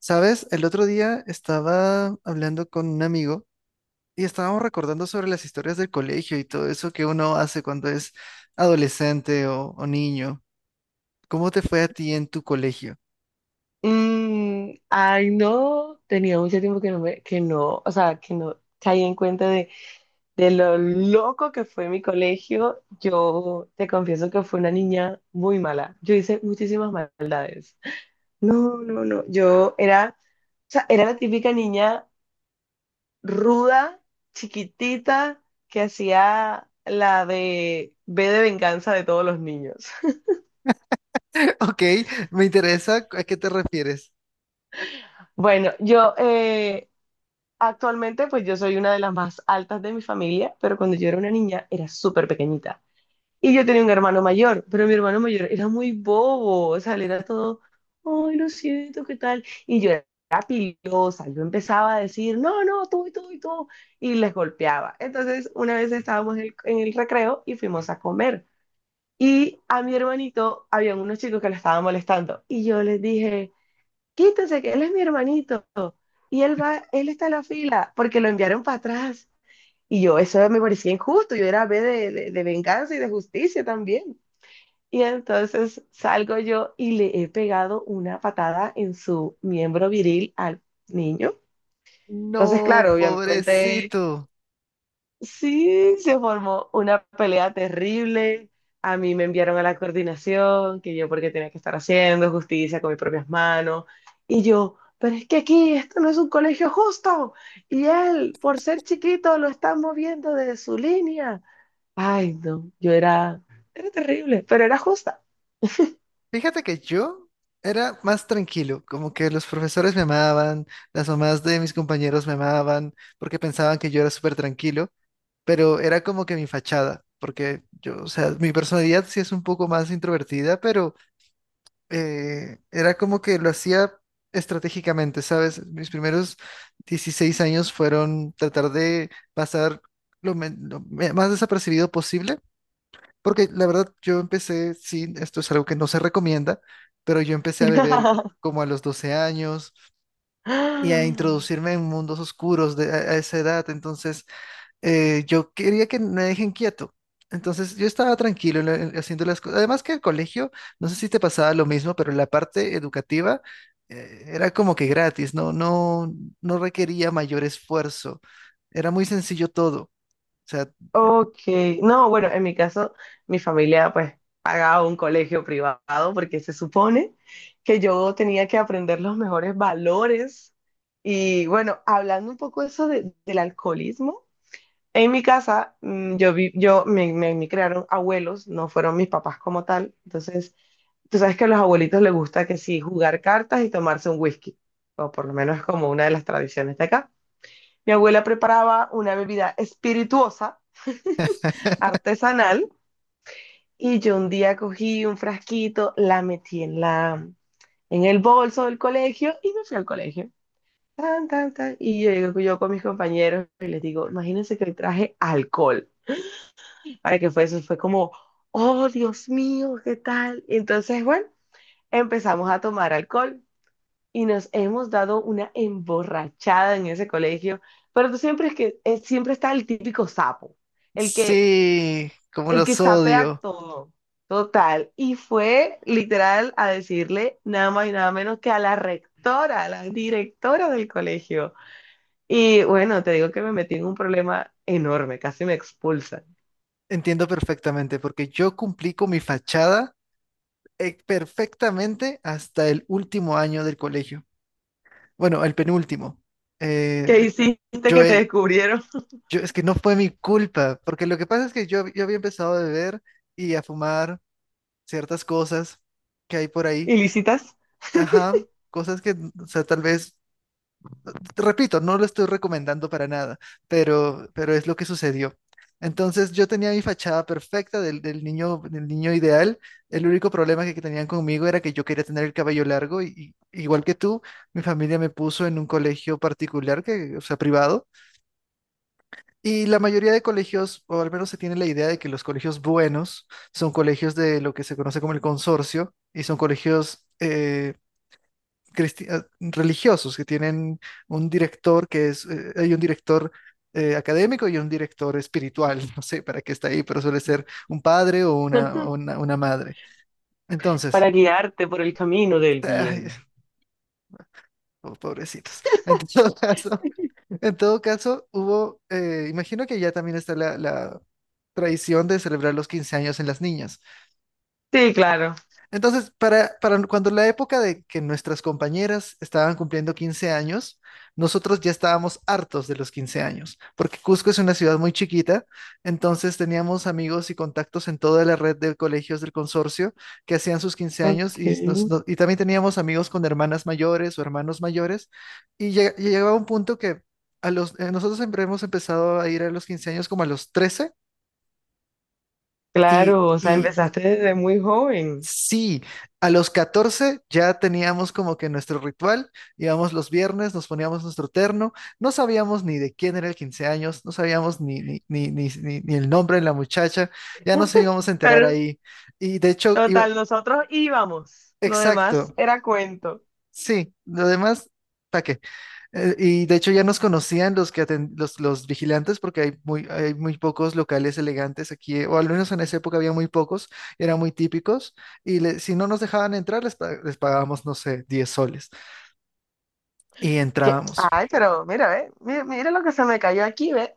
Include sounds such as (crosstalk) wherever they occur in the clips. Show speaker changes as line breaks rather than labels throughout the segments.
¿Sabes? El otro día estaba hablando con un amigo y estábamos recordando sobre las historias del colegio y todo eso que uno hace cuando es adolescente o niño. ¿Cómo te fue a ti en tu colegio?
Ay, no, tenía mucho tiempo que no me, que no, o sea, que no caí en cuenta de lo loco que fue mi colegio. Yo te confieso que fui una niña muy mala. Yo hice muchísimas maldades. No, no, no. Yo era, o sea, era la típica niña ruda, chiquitita, que hacía la de B de venganza de todos los niños. (laughs)
(laughs) Ok, me interesa a qué te refieres.
Bueno, actualmente, pues yo soy una de las más altas de mi familia, pero cuando yo era una niña era súper pequeñita. Y yo tenía un hermano mayor, pero mi hermano mayor era muy bobo, o sea, él era todo, ay, lo siento, ¿qué tal? Y yo era pilosa, yo empezaba a decir, no, no, tú y tú y tú, y les golpeaba. Entonces, una vez estábamos en el recreo y fuimos a comer. Y a mi hermanito había unos chicos que le estaban molestando. Y yo les dije, quítese, que él es mi hermanito. Y él va, él está en la fila porque lo enviaron para atrás. Y yo, eso me parecía injusto, yo era B de venganza y de justicia también. Y entonces salgo yo y le he pegado una patada en su miembro viril al niño.
No,
Entonces, claro, obviamente
pobrecito.
sí, se formó una pelea terrible. A mí me enviaron a la coordinación, que yo porque tenía que estar haciendo justicia con mis propias manos. Y yo, pero es que aquí esto no es un colegio justo. Y él, por ser chiquito, lo están moviendo de su línea. Ay, no, yo era, era terrible, pero era justa.
Fíjate que yo era más tranquilo, como que los profesores me amaban, las mamás de mis compañeros me amaban porque pensaban que yo era súper tranquilo. Pero era como que mi fachada, porque yo, o sea, mi personalidad sí es un poco más introvertida, pero era como que lo hacía estratégicamente, ¿sabes? Mis primeros 16 años fueron tratar de pasar lo, men- lo me- más desapercibido posible, porque la verdad yo empecé, sí, esto es algo que no se recomienda, pero yo empecé a beber como a los 12 años y a
(laughs)
introducirme en mundos oscuros de, a esa edad, entonces yo quería que me dejen quieto. Entonces yo estaba tranquilo en haciendo las cosas. Además que el colegio, no sé si te pasaba lo mismo, pero la parte educativa era como que gratis, no, no, no requería mayor esfuerzo. Era muy sencillo todo. O sea,
Ok, no, bueno, en mi caso, mi familia pues pagaba un colegio privado porque se supone que yo tenía que aprender los mejores valores. Y bueno, hablando un poco eso de- del alcoholismo, en mi casa yo vi, yo me crearon abuelos, no fueron mis papás como tal. Entonces, tú sabes que a los abuelitos les gusta que sí, jugar cartas y tomarse un whisky, o por lo menos es como una de las tradiciones de acá. Mi abuela preparaba una bebida espirituosa
(laughs)
artesanal. Y yo un día cogí un frasquito, la metí en el bolso del colegio y me fui al colegio. Tan, tan, tan. Y yo llego yo con mis compañeros y les digo, imagínense que hoy traje alcohol. Para que fue eso, fue como, oh, Dios mío, ¿qué tal? Y entonces, bueno, empezamos a tomar alcohol y nos hemos dado una emborrachada en ese colegio. Pero tú siempre es que siempre está el típico sapo, el que
sí, como
el que
los
sapea
odio.
todo, total. Y fue literal a decirle nada más y nada menos que a la rectora, a la directora del colegio. Y bueno, te digo que me metí en un problema enorme, casi me expulsan.
Entiendo perfectamente, porque yo cumplí con mi fachada perfectamente hasta el último año del colegio. Bueno, el penúltimo.
¿Qué
Eh,
hiciste
yo
que te
he-
descubrieron
Yo, es que no fue mi culpa, porque lo que pasa es que yo había empezado a beber y a fumar ciertas cosas que hay por ahí.
ilícitas?
Ajá, cosas que, o sea, tal vez, te repito, no lo estoy recomendando para nada, pero es lo que sucedió. Entonces yo tenía mi fachada perfecta del niño, del niño ideal. El único problema que tenían conmigo era que yo quería tener el cabello largo y igual que tú, mi familia me puso en un colegio particular, que, o sea, privado. Y la mayoría de colegios, o al menos se tiene la idea de que los colegios buenos son colegios de lo que se conoce como el consorcio y son colegios cristi- eh, religiosos que tienen un director que es, hay un director académico y un director espiritual, (laughs) no sé para qué está ahí, pero suele ser un padre o
(laughs)
una madre. Entonces,
Para guiarte por el camino del
ay,
bien.
oh, pobrecitos. En todo (laughs) caso, en todo caso, hubo, imagino que ya también está la tradición de celebrar los 15 años en las niñas.
Sí, claro.
Entonces, para cuando la época de que nuestras compañeras estaban cumpliendo 15 años, nosotros ya estábamos hartos de los 15 años, porque Cusco es una ciudad muy chiquita, entonces teníamos amigos y contactos en toda la red de colegios del consorcio que hacían sus 15 años
Ok,
y también teníamos amigos con hermanas mayores o hermanos mayores y llegaba un punto que a los, nosotros siempre hemos empezado a ir a los 15 años como a los 13 y...
claro, o sea,
y
empezaste desde muy joven.
sí, a los 14 ya teníamos como que nuestro ritual, íbamos los viernes, nos poníamos nuestro terno, no sabíamos ni de quién era el 15 años, no sabíamos ni el nombre de la muchacha, ya nos íbamos a enterar
Pero,
ahí. Y de hecho, iba-
total, nosotros íbamos. Lo demás
exacto,
era cuento.
sí, lo demás, ¿para y de hecho ya nos conocían los que los vigilantes porque hay muy pocos locales elegantes aquí, o al menos en esa época había muy pocos, eran muy típicos, si no nos dejaban entrar les pagábamos, no sé, 10 soles y
Que-
entrábamos.
ay, pero mira, ve, mira, mira lo que se me cayó aquí, ve.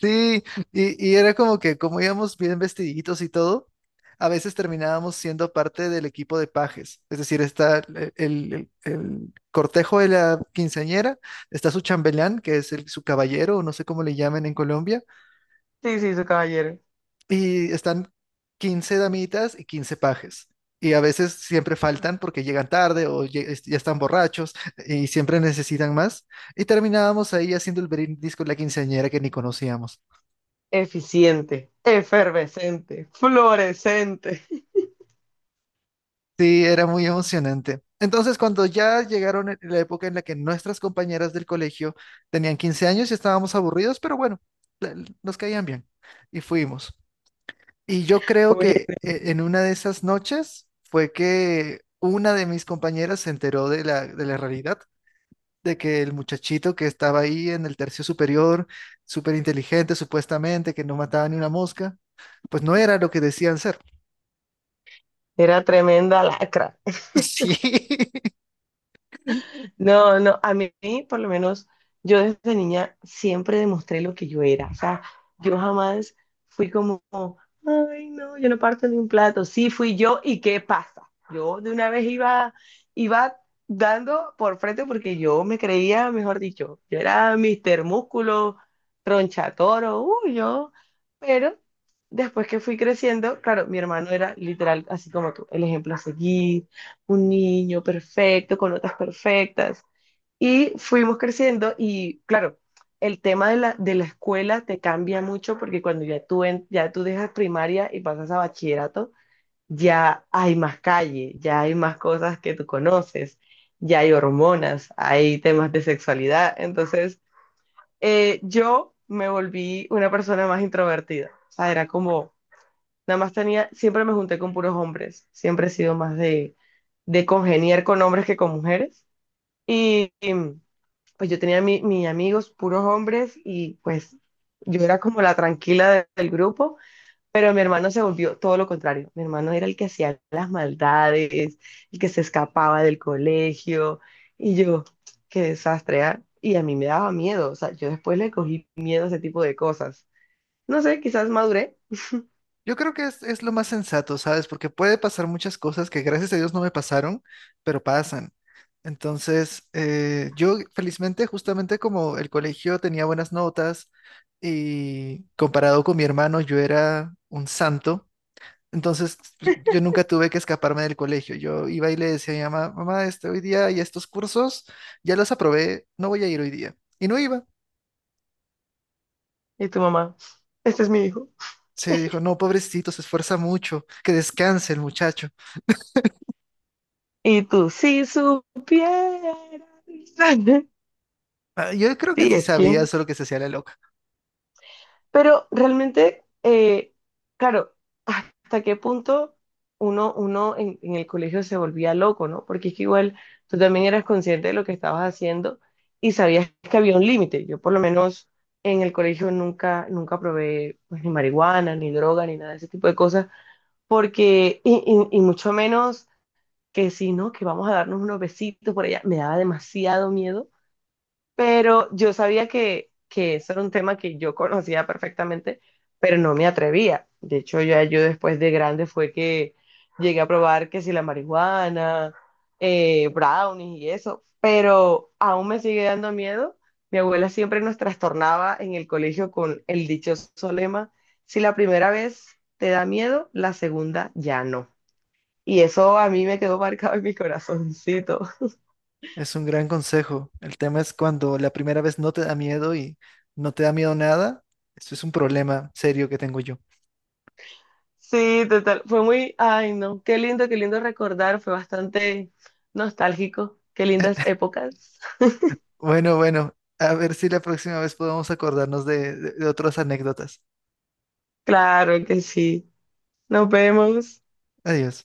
Sí, y era como que como íbamos bien vestiditos y todo, a veces terminábamos siendo parte del equipo de pajes, es decir, está el cortejo de la quinceañera, está su chambelán, que es el, su caballero, o no sé cómo le llaman en Colombia,
Sí, sí, su caballero.
y están 15 damitas y 15 pajes. Y a veces siempre faltan porque llegan tarde o ya están borrachos y siempre necesitan más. Y terminábamos ahí haciendo el brindis con la quinceañera que ni conocíamos.
Eficiente, efervescente, fluorescente.
Sí, era muy emocionante. Entonces, cuando ya llegaron en la época en la que nuestras compañeras del colegio tenían 15 años y estábamos aburridos, pero bueno, la- nos caían bien y fuimos. Y yo creo
Uy,
que en una de esas noches fue que una de mis compañeras se enteró de de la realidad, de que el muchachito que estaba ahí en el tercio superior, súper inteligente supuestamente, que no mataba ni una mosca, pues no era lo que decían ser.
era tremenda lacra.
(laughs) Sí.
No, no, a mí, por lo menos, yo desde niña siempre demostré lo que yo era. O sea, yo jamás fui como, ay, no, yo no parto de un plato. Sí, fui yo y ¿qué pasa? Yo de una vez iba, iba dando por frente porque yo me creía, mejor dicho, yo era Mister Músculo, tronchatoro, uy, yo. Pero después que fui creciendo, claro, mi hermano era literal, así como tú, el ejemplo a seguir, un niño perfecto, con notas perfectas. Y fuimos creciendo y claro, el tema de la escuela te cambia mucho porque cuando ya tú, en- ya tú dejas primaria y pasas a bachillerato, ya hay más calle, ya hay más cosas que tú conoces, ya hay hormonas, hay temas de sexualidad. Entonces, yo me volví una persona más introvertida. O sea, era como, nada más tenía, siempre me junté con puros hombres, siempre he sido más de congeniar con hombres que con mujeres. y y pues yo tenía mi- mis amigos puros hombres y pues yo era como la tranquila de- del grupo, pero mi hermano se volvió todo lo contrario. Mi hermano era el que hacía las maldades, el que se escapaba del colegio y yo, qué desastre, ¿ah? Y a mí me daba miedo, o sea, yo después le cogí miedo a ese tipo de cosas. No sé, quizás maduré
Yo creo que es lo más sensato, ¿sabes? Porque puede pasar muchas cosas que gracias a Dios no me pasaron, pero pasan. Entonces, yo felizmente, justamente como el colegio tenía buenas notas y comparado con mi hermano, yo era un santo. Entonces, yo nunca tuve que escaparme del colegio. Yo iba y le decía a mi mamá, mamá, este, hoy día y estos cursos ya los aprobé, no voy a ir hoy día. Y no iba.
y tu mamá, este es mi hijo.
Se dijo, no, pobrecito, se esfuerza mucho, que descanse el muchacho.
Y tú, si supieras. (laughs)
Ah, yo creo que
Sí,
sí
es que
sabía, solo que se hacía la loca.
pero realmente, claro, hasta qué punto uno en el colegio se volvía loco, ¿no? Porque es que igual tú también eras consciente de lo que estabas haciendo y sabías que había un límite. Yo por lo menos en el colegio nunca, nunca probé pues, ni marihuana, ni droga, ni nada de ese tipo de cosas, porque, mucho menos que si no, que vamos a darnos unos besitos por allá, me daba demasiado miedo, pero yo sabía que eso era un tema que yo conocía perfectamente, pero no me atrevía. De hecho, ya yo después de grande fue que llegué a probar que si la marihuana, brownies y eso, pero aún me sigue dando miedo. Mi abuela siempre nos trastornaba en el colegio con el dichoso lema, si la primera vez te da miedo, la segunda ya no. Y eso a mí me quedó marcado en mi corazoncito.
Es un gran consejo. El tema es cuando la primera vez no te da miedo y no te da miedo nada. Esto es un problema serio que tengo yo.
Sí, total. Fue muy, ay, no, qué lindo recordar. Fue bastante nostálgico. Qué lindas
(laughs)
épocas. (laughs)
Bueno, bueno, a ver si la próxima vez podemos acordarnos de, de otras anécdotas.
Claro que sí. Nos vemos.
Adiós.